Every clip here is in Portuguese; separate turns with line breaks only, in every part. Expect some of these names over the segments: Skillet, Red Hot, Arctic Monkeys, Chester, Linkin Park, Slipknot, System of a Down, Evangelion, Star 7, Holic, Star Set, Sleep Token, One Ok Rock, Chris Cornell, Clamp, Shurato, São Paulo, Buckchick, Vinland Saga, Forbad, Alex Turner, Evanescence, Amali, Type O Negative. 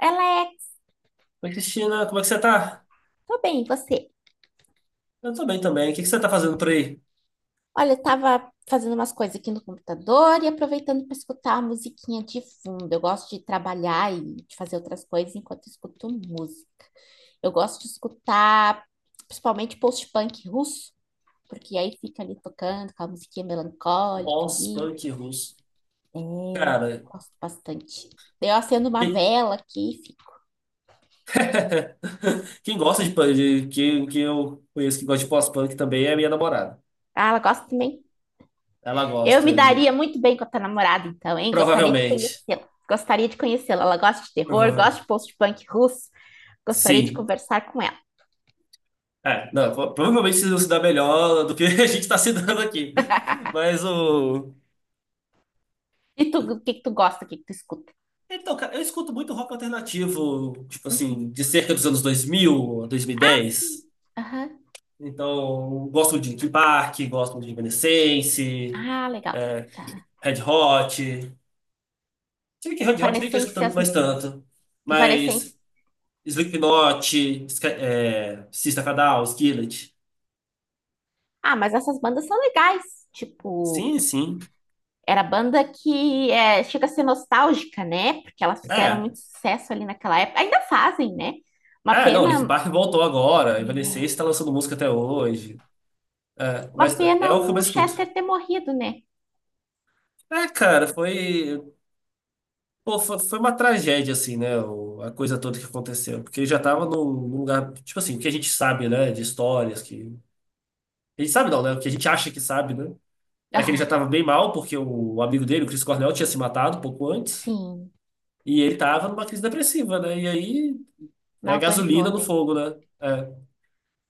Ela é,
Oi, Cristina, como é que você tá?
tô bem, e você?
Eu tô bem também. O que que você tá fazendo por aí?
Olha, eu tava fazendo umas coisas aqui no computador e aproveitando para escutar a musiquinha de fundo. Eu gosto de trabalhar e de fazer outras coisas enquanto eu escuto música. Eu gosto de escutar principalmente post-punk russo, porque aí fica ali tocando com a musiquinha melancólica ali.
Pós-punk russo.
É, eu
Cara,
gosto bastante. Eu acendo uma
quem,
vela aqui, e fico.
quem gosta de punk, que eu conheço que gosta de pós-punk também é a minha namorada.
Ah, ela gosta também?
Ela
Eu
gosta,
me
de-
daria muito bem com a tua namorada, então, hein? Gostaria de
provavelmente.
conhecê-la. Gostaria de conhecê-la. Ela gosta de terror,
Prova-
gosta de post-punk russo. Gostaria de
Sim.
conversar com ela.
É, não, pro- Provavelmente vocês vão se dar melhor do que a gente tá se dando aqui. Mas o.
E tu, o que que tu gosta, o que que tu escuta?
Então, cara, eu escuto muito rock alternativo, tipo
Uhum.
assim, de cerca dos anos 2000,
Sim.
2010.
Aham.
Então, gosto de Linkin Park, gosto de Evanescence,
Ah, legal. Aham.
Red Hot. Se que Red Hot nem tô escutando
Evanescências,
mais tanto.
Evanescence.
Mas Slipknot, é, System of a Down, Skillet.
Ah, mas essas bandas são legais. Tipo,
Sim, sim.
era banda que é, chega a ser nostálgica, né? Porque elas fizeram
É.
muito sucesso ali naquela época. Ainda fazem, né? Uma
É, não, Linkin
pena.
Park voltou agora.
É,
Evanescence tá lançando música até hoje. É,
uma
mas é
pena
o que eu
o
mais escuto.
Chester ter morrido, né?
É, cara, foi, Pô, foi uma tragédia, assim, né? O- a coisa toda que aconteceu. Porque já tava num lugar, tipo assim, o que a gente sabe, né? De histórias que ele sabe não, né? O que a gente acha que sabe, né? É que ele já
Aham,
tava bem mal, porque o amigo dele, o Chris Cornell, tinha se matado pouco antes.
sim,
E ele tava numa crise depressiva, né? E aí,
não
né,
aguentou,
gasolina no
né?
fogo, né? É.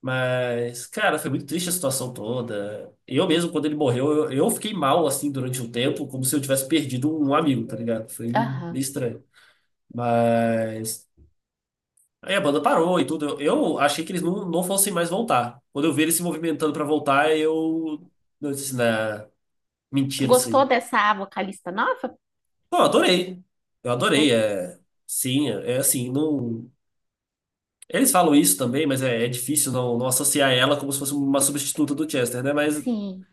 Mas, cara, foi muito triste a situação toda. Eu mesmo, quando ele morreu, eu fiquei mal, assim, durante um tempo, como se eu tivesse perdido um amigo, tá ligado? Foi meio
Aham.
estranho. Mas. Aí a banda parou e tudo. Eu achei que eles não fossem mais voltar. Quando eu vi eles se movimentando pra voltar, eu. Eu disse, né?
Tu
Mentira, isso aí.
gostou dessa vocalista nova?
Pô, eu adorei. Eu adorei.
Gostou?
É, sim, é assim, não. Eles falam isso também, mas é, é difícil não associar ela como se fosse uma substituta do Chester, né? Mas
Sim,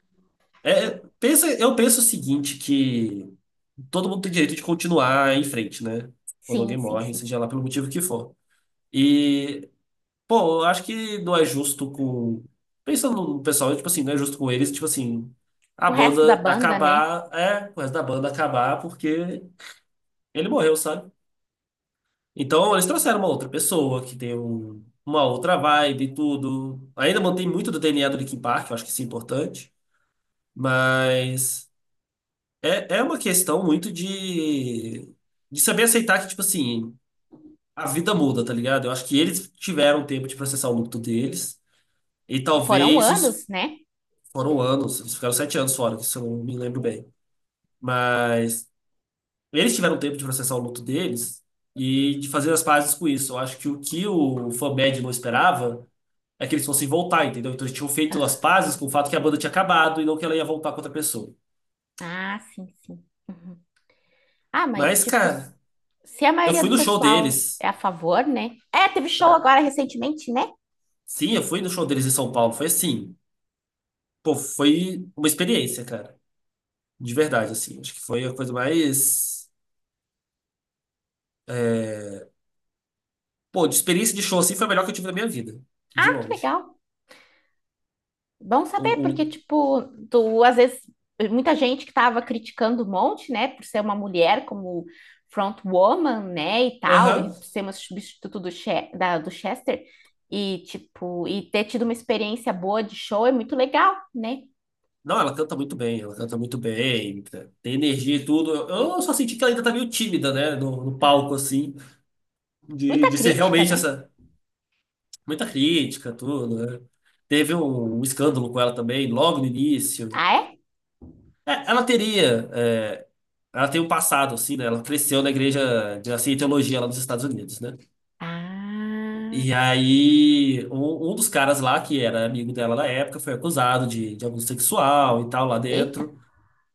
pensa, eu penso o seguinte, que todo mundo tem direito de continuar em frente, né? Quando
sim,
alguém
sim,
morre,
sim.
seja lá pelo motivo que for. E, pô, eu acho que não é justo com. Pensando no pessoal, tipo assim, não é justo com eles, tipo assim, a
O resto da
banda
banda, né?
acabar, é, o resto da banda acabar porque ele morreu, sabe? Então, eles trouxeram uma outra pessoa que tem um- uma outra vibe e tudo. Ainda mantém muito do DNA do Linkin Park, eu acho que isso é importante. Mas é, é uma questão muito de saber aceitar que, tipo assim, a vida muda, tá ligado? Eu acho que eles tiveram tempo de processar o luto deles. E
E foram
talvez
anos,
os.
né?
Foram anos, eles ficaram 7 anos fora, se eu não me lembro bem. Mas eles tiveram tempo de processar o luto deles e de fazer as pazes com isso. Eu acho que o Forbad não esperava é que eles fossem voltar, entendeu? Então eles tinham feito as
Ah,
pazes com o fato que a banda tinha acabado e não que ela ia voltar com outra pessoa.
ah, sim, sim. Uhum. Ah, mas
Mas,
tipo,
cara,
se a
eu
maioria
fui
do
no show
pessoal
deles.
é a favor, né? É, teve show agora recentemente, né?
Sim, eu fui no show deles em São Paulo. Foi assim. Pô, foi uma experiência, cara. De verdade, assim. Acho que foi a coisa mais. Pô, de experiência de show assim foi a melhor que eu tive na minha vida. De
Ah, que
longe.
legal. Bom
O,
saber, porque,
o...
tipo, tu, às vezes, muita gente que tava criticando um monte, né, por ser uma mulher como front woman, né, e tal, e
Aham.
por ser uma substituto do, do Chester, e, tipo, e ter tido uma experiência boa de show é muito legal, né?
Não, ela canta muito bem, ela canta muito bem, tá? Tem energia e tudo. Eu só senti que ela ainda tá meio tímida, né? No palco, assim,
Muita
de ser
crítica,
realmente
né?
essa. Muita crítica, tudo, né? Teve um escândalo com ela também, logo no início.
Ah, é?
É, ela teria, é, ela tem um passado, assim, né? Ela cresceu na igreja de assim, teologia lá nos Estados Unidos, né?
Ah,
E aí, um dos caras lá, que era amigo dela na época, foi acusado de abuso sexual e tal lá
eita.
dentro.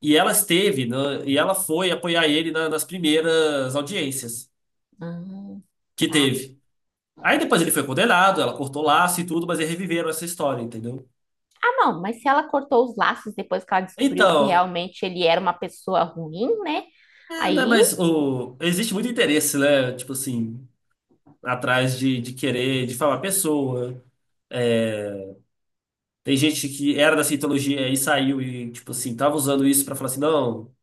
E ela esteve, né? E ela foi apoiar ele na- nas primeiras audiências
Ah,
que
tá.
teve. Aí depois ele foi condenado, ela cortou laço e tudo, mas eles reviveram essa história, entendeu?
Não, mas se ela cortou os laços depois que ela descobriu que
Então,
realmente ele era uma pessoa ruim, né?
é, né,
Aí,
mas o, existe muito interesse, né? Tipo assim, atrás de querer difamar a pessoa. É, tem gente que era da cientologia e saiu e, tipo assim, tava usando isso pra falar assim, não,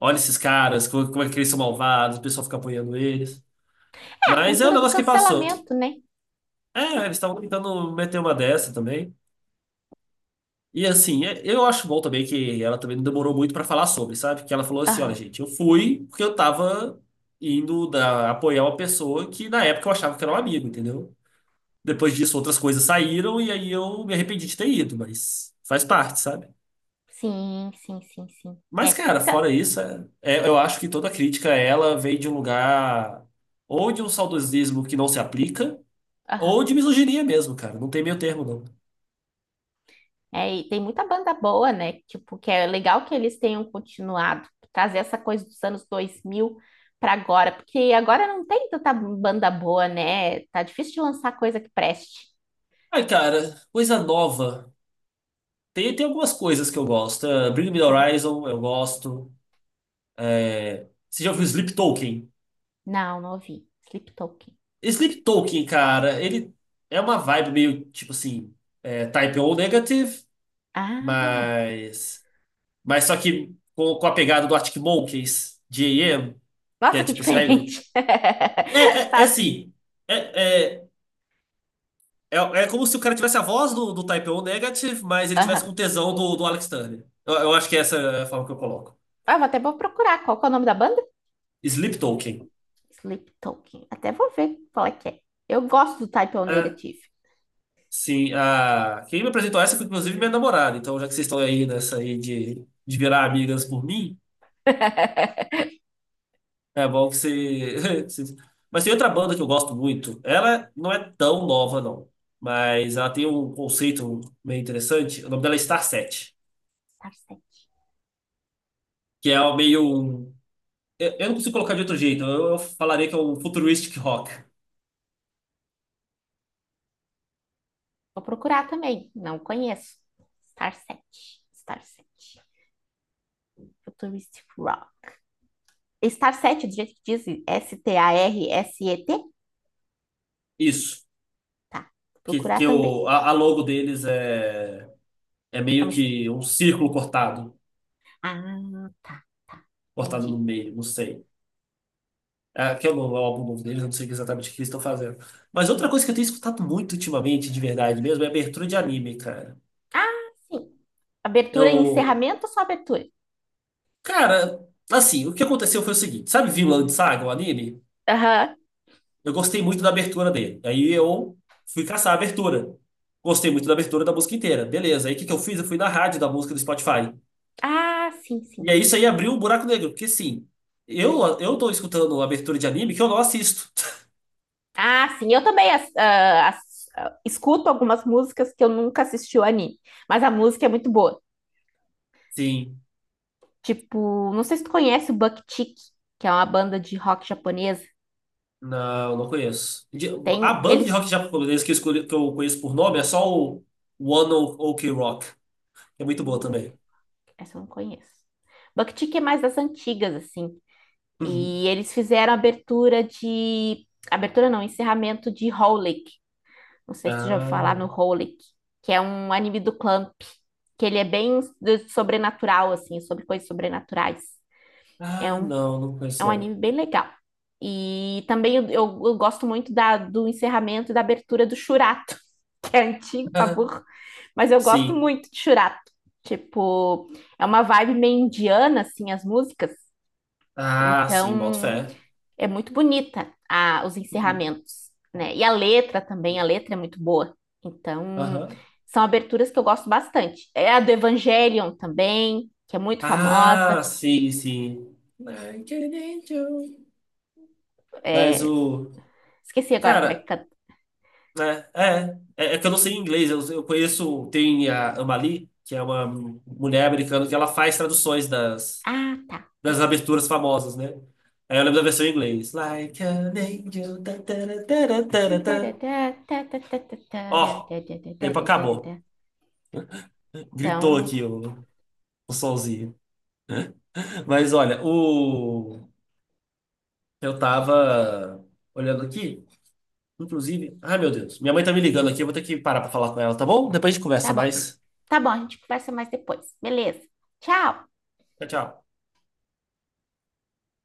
olha esses caras, como é que eles são malvados, o pessoal fica apoiando eles.
é a
Mas é um
cultura do
negócio que passou.
cancelamento, né?
É, eles estavam tentando meter uma dessa também. E assim, é- eu acho bom também que ela também não demorou muito pra falar sobre, sabe? Que ela falou assim: olha,
Aham.
gente, eu fui porque eu tava indo da- apoiar uma pessoa que na época eu achava que era um amigo, entendeu? Depois disso, outras coisas saíram e aí eu me arrependi de ter ido, mas faz parte, sabe?
Sim, sim, sim, sim. É,
Mas, cara,
se-
fora isso, eu acho que toda crítica a ela veio de um lugar ou de um saudosismo que não se aplica,
aham.
ou de misoginia mesmo, cara. Não tem meio termo, não.
É, e tem muita banda boa, né? Tipo, que é legal que eles tenham continuado, trazer essa coisa dos anos 2000 para agora, porque agora não tem tanta banda boa, né? Tá difícil de lançar coisa que preste.
Ai, cara, coisa nova. Tem algumas coisas que eu gosto. Ah, Bring Me the Horizon, eu gosto. É, você já ouviu Sleep Token?
Não, não ouvi. Sleep Token.
Sleep Token, cara, ele é uma vibe meio tipo assim, é, Type O Negative,
Ah,
mas. Mas só que com a pegada do Arctic Monkeys, de AM, que é
nossa, que
tipo assim.
diferente.
É, é
Tá.
assim. É, é, é, é como se o cara tivesse a voz do Type O Negative, mas ele tivesse
Aham.
com tesão do Alex Turner. Eu acho que essa é a forma que eu coloco.
Ah, eu até vou procurar qual que é o nome da banda.
Sleep Token.
Sleep Token. Até vou ver qual é que é. Eu gosto do Type O Negative.
Sim, a... quem me apresentou essa foi inclusive minha namorada. Então, já que vocês estão aí nessa aí de virar amigas por mim, é bom que você. você- Mas tem outra banda que eu gosto muito. Ela não é tão nova, não. Mas ela tem um conceito meio interessante. O nome dela é Star Set,
Star 7.
que é o meio. Um- eu não consigo colocar de outro jeito. Eu falaria que é um futuristic rock.
Vou procurar também. Não conheço. Star 7. Star 7. Futuristic Rock. Star 7, do jeito que diz S-T-A-R-S-E-T?
Isso.
Tá. Vou procurar também.
A logo deles é, é
É uma
meio
estrela.
que um círculo cortado,
Ah, tá, tá.
cortado no
Entendi.
meio, não sei. Ah, que é o novo é o álbum novo deles, eu não sei exatamente o que eles estão fazendo. Mas outra coisa que eu tenho escutado muito ultimamente, de verdade mesmo, é abertura de anime, cara.
Ah, sim. Abertura e
Eu.
encerramento ou só abertura?
Cara, assim, o que aconteceu foi o seguinte: sabe Vinland Saga, o anime?
Aham.
Eu gostei muito da abertura dele. Aí eu fui caçar a abertura. Gostei muito da abertura da música inteira. Beleza. Aí o que que eu fiz? Eu fui na rádio da música do Spotify.
Ah, sim,
E
sim.
aí isso aí abriu um buraco negro, porque sim, eu tô escutando abertura de anime que eu não assisto.
Ah, sim. Eu também escuto algumas músicas que eu nunca assisti o anime, mas a música é muito boa.
Sim.
Tipo, não sei se tu conhece o Buckchick, que é uma banda de rock japonesa.
Não, não conheço. De- a
Tem
banda de
eles.
rock japonês que eu, escolhi, que eu conheço por nome é só o One Ok Rock, que é muito boa também.
Essa eu não conheço. Buckchick é mais das antigas, assim.
Uhum.
E eles fizeram abertura de. Abertura não, encerramento de Howley. Não sei se você já ouviu
Ah,
falar no Holic, que é um anime do Clamp, que ele é bem sobrenatural, assim, sobre coisas sobrenaturais. É um,
não, não conheço
é um
não.
anime bem legal. E também eu gosto muito da, do encerramento e da abertura do Shurato, que é antigo, pra burro, mas eu gosto
Sim.
muito de Shurato. Tipo, é uma vibe meio indiana, assim, as músicas.
Ah, sim, boto
Então,
fé.
é muito bonita a, os
Uhum.
encerramentos, né? E a letra também, a letra é muito boa. Então,
Aham.
são aberturas que eu gosto bastante. É a do Evangelion também, que é muito famosa.
Ah, sim, sim. Like an angel. Mas
É,
o.
esqueci agora como é que
Cara,
canta.
né? É. É, é que eu não sei inglês. Eu conheço. Tem a Amali, que é uma mulher americana que ela faz traduções das.
Ah, tá.
Das aberturas famosas, né? Aí eu lembro da versão em inglês. Like an angel. Tá, tá,
Então,
tá. Ó, tempo acabou. Gritou aqui o sonzinho. Mas olha, o eu tava olhando aqui, inclusive. Ai, meu Deus, minha mãe tá me ligando aqui, eu vou ter que parar pra falar com ela, tá bom? Depois a gente
tá
conversa
bom.
mais.
Tá bom, a gente conversa mais depois. Beleza. Tchau!
Tchau, tchau.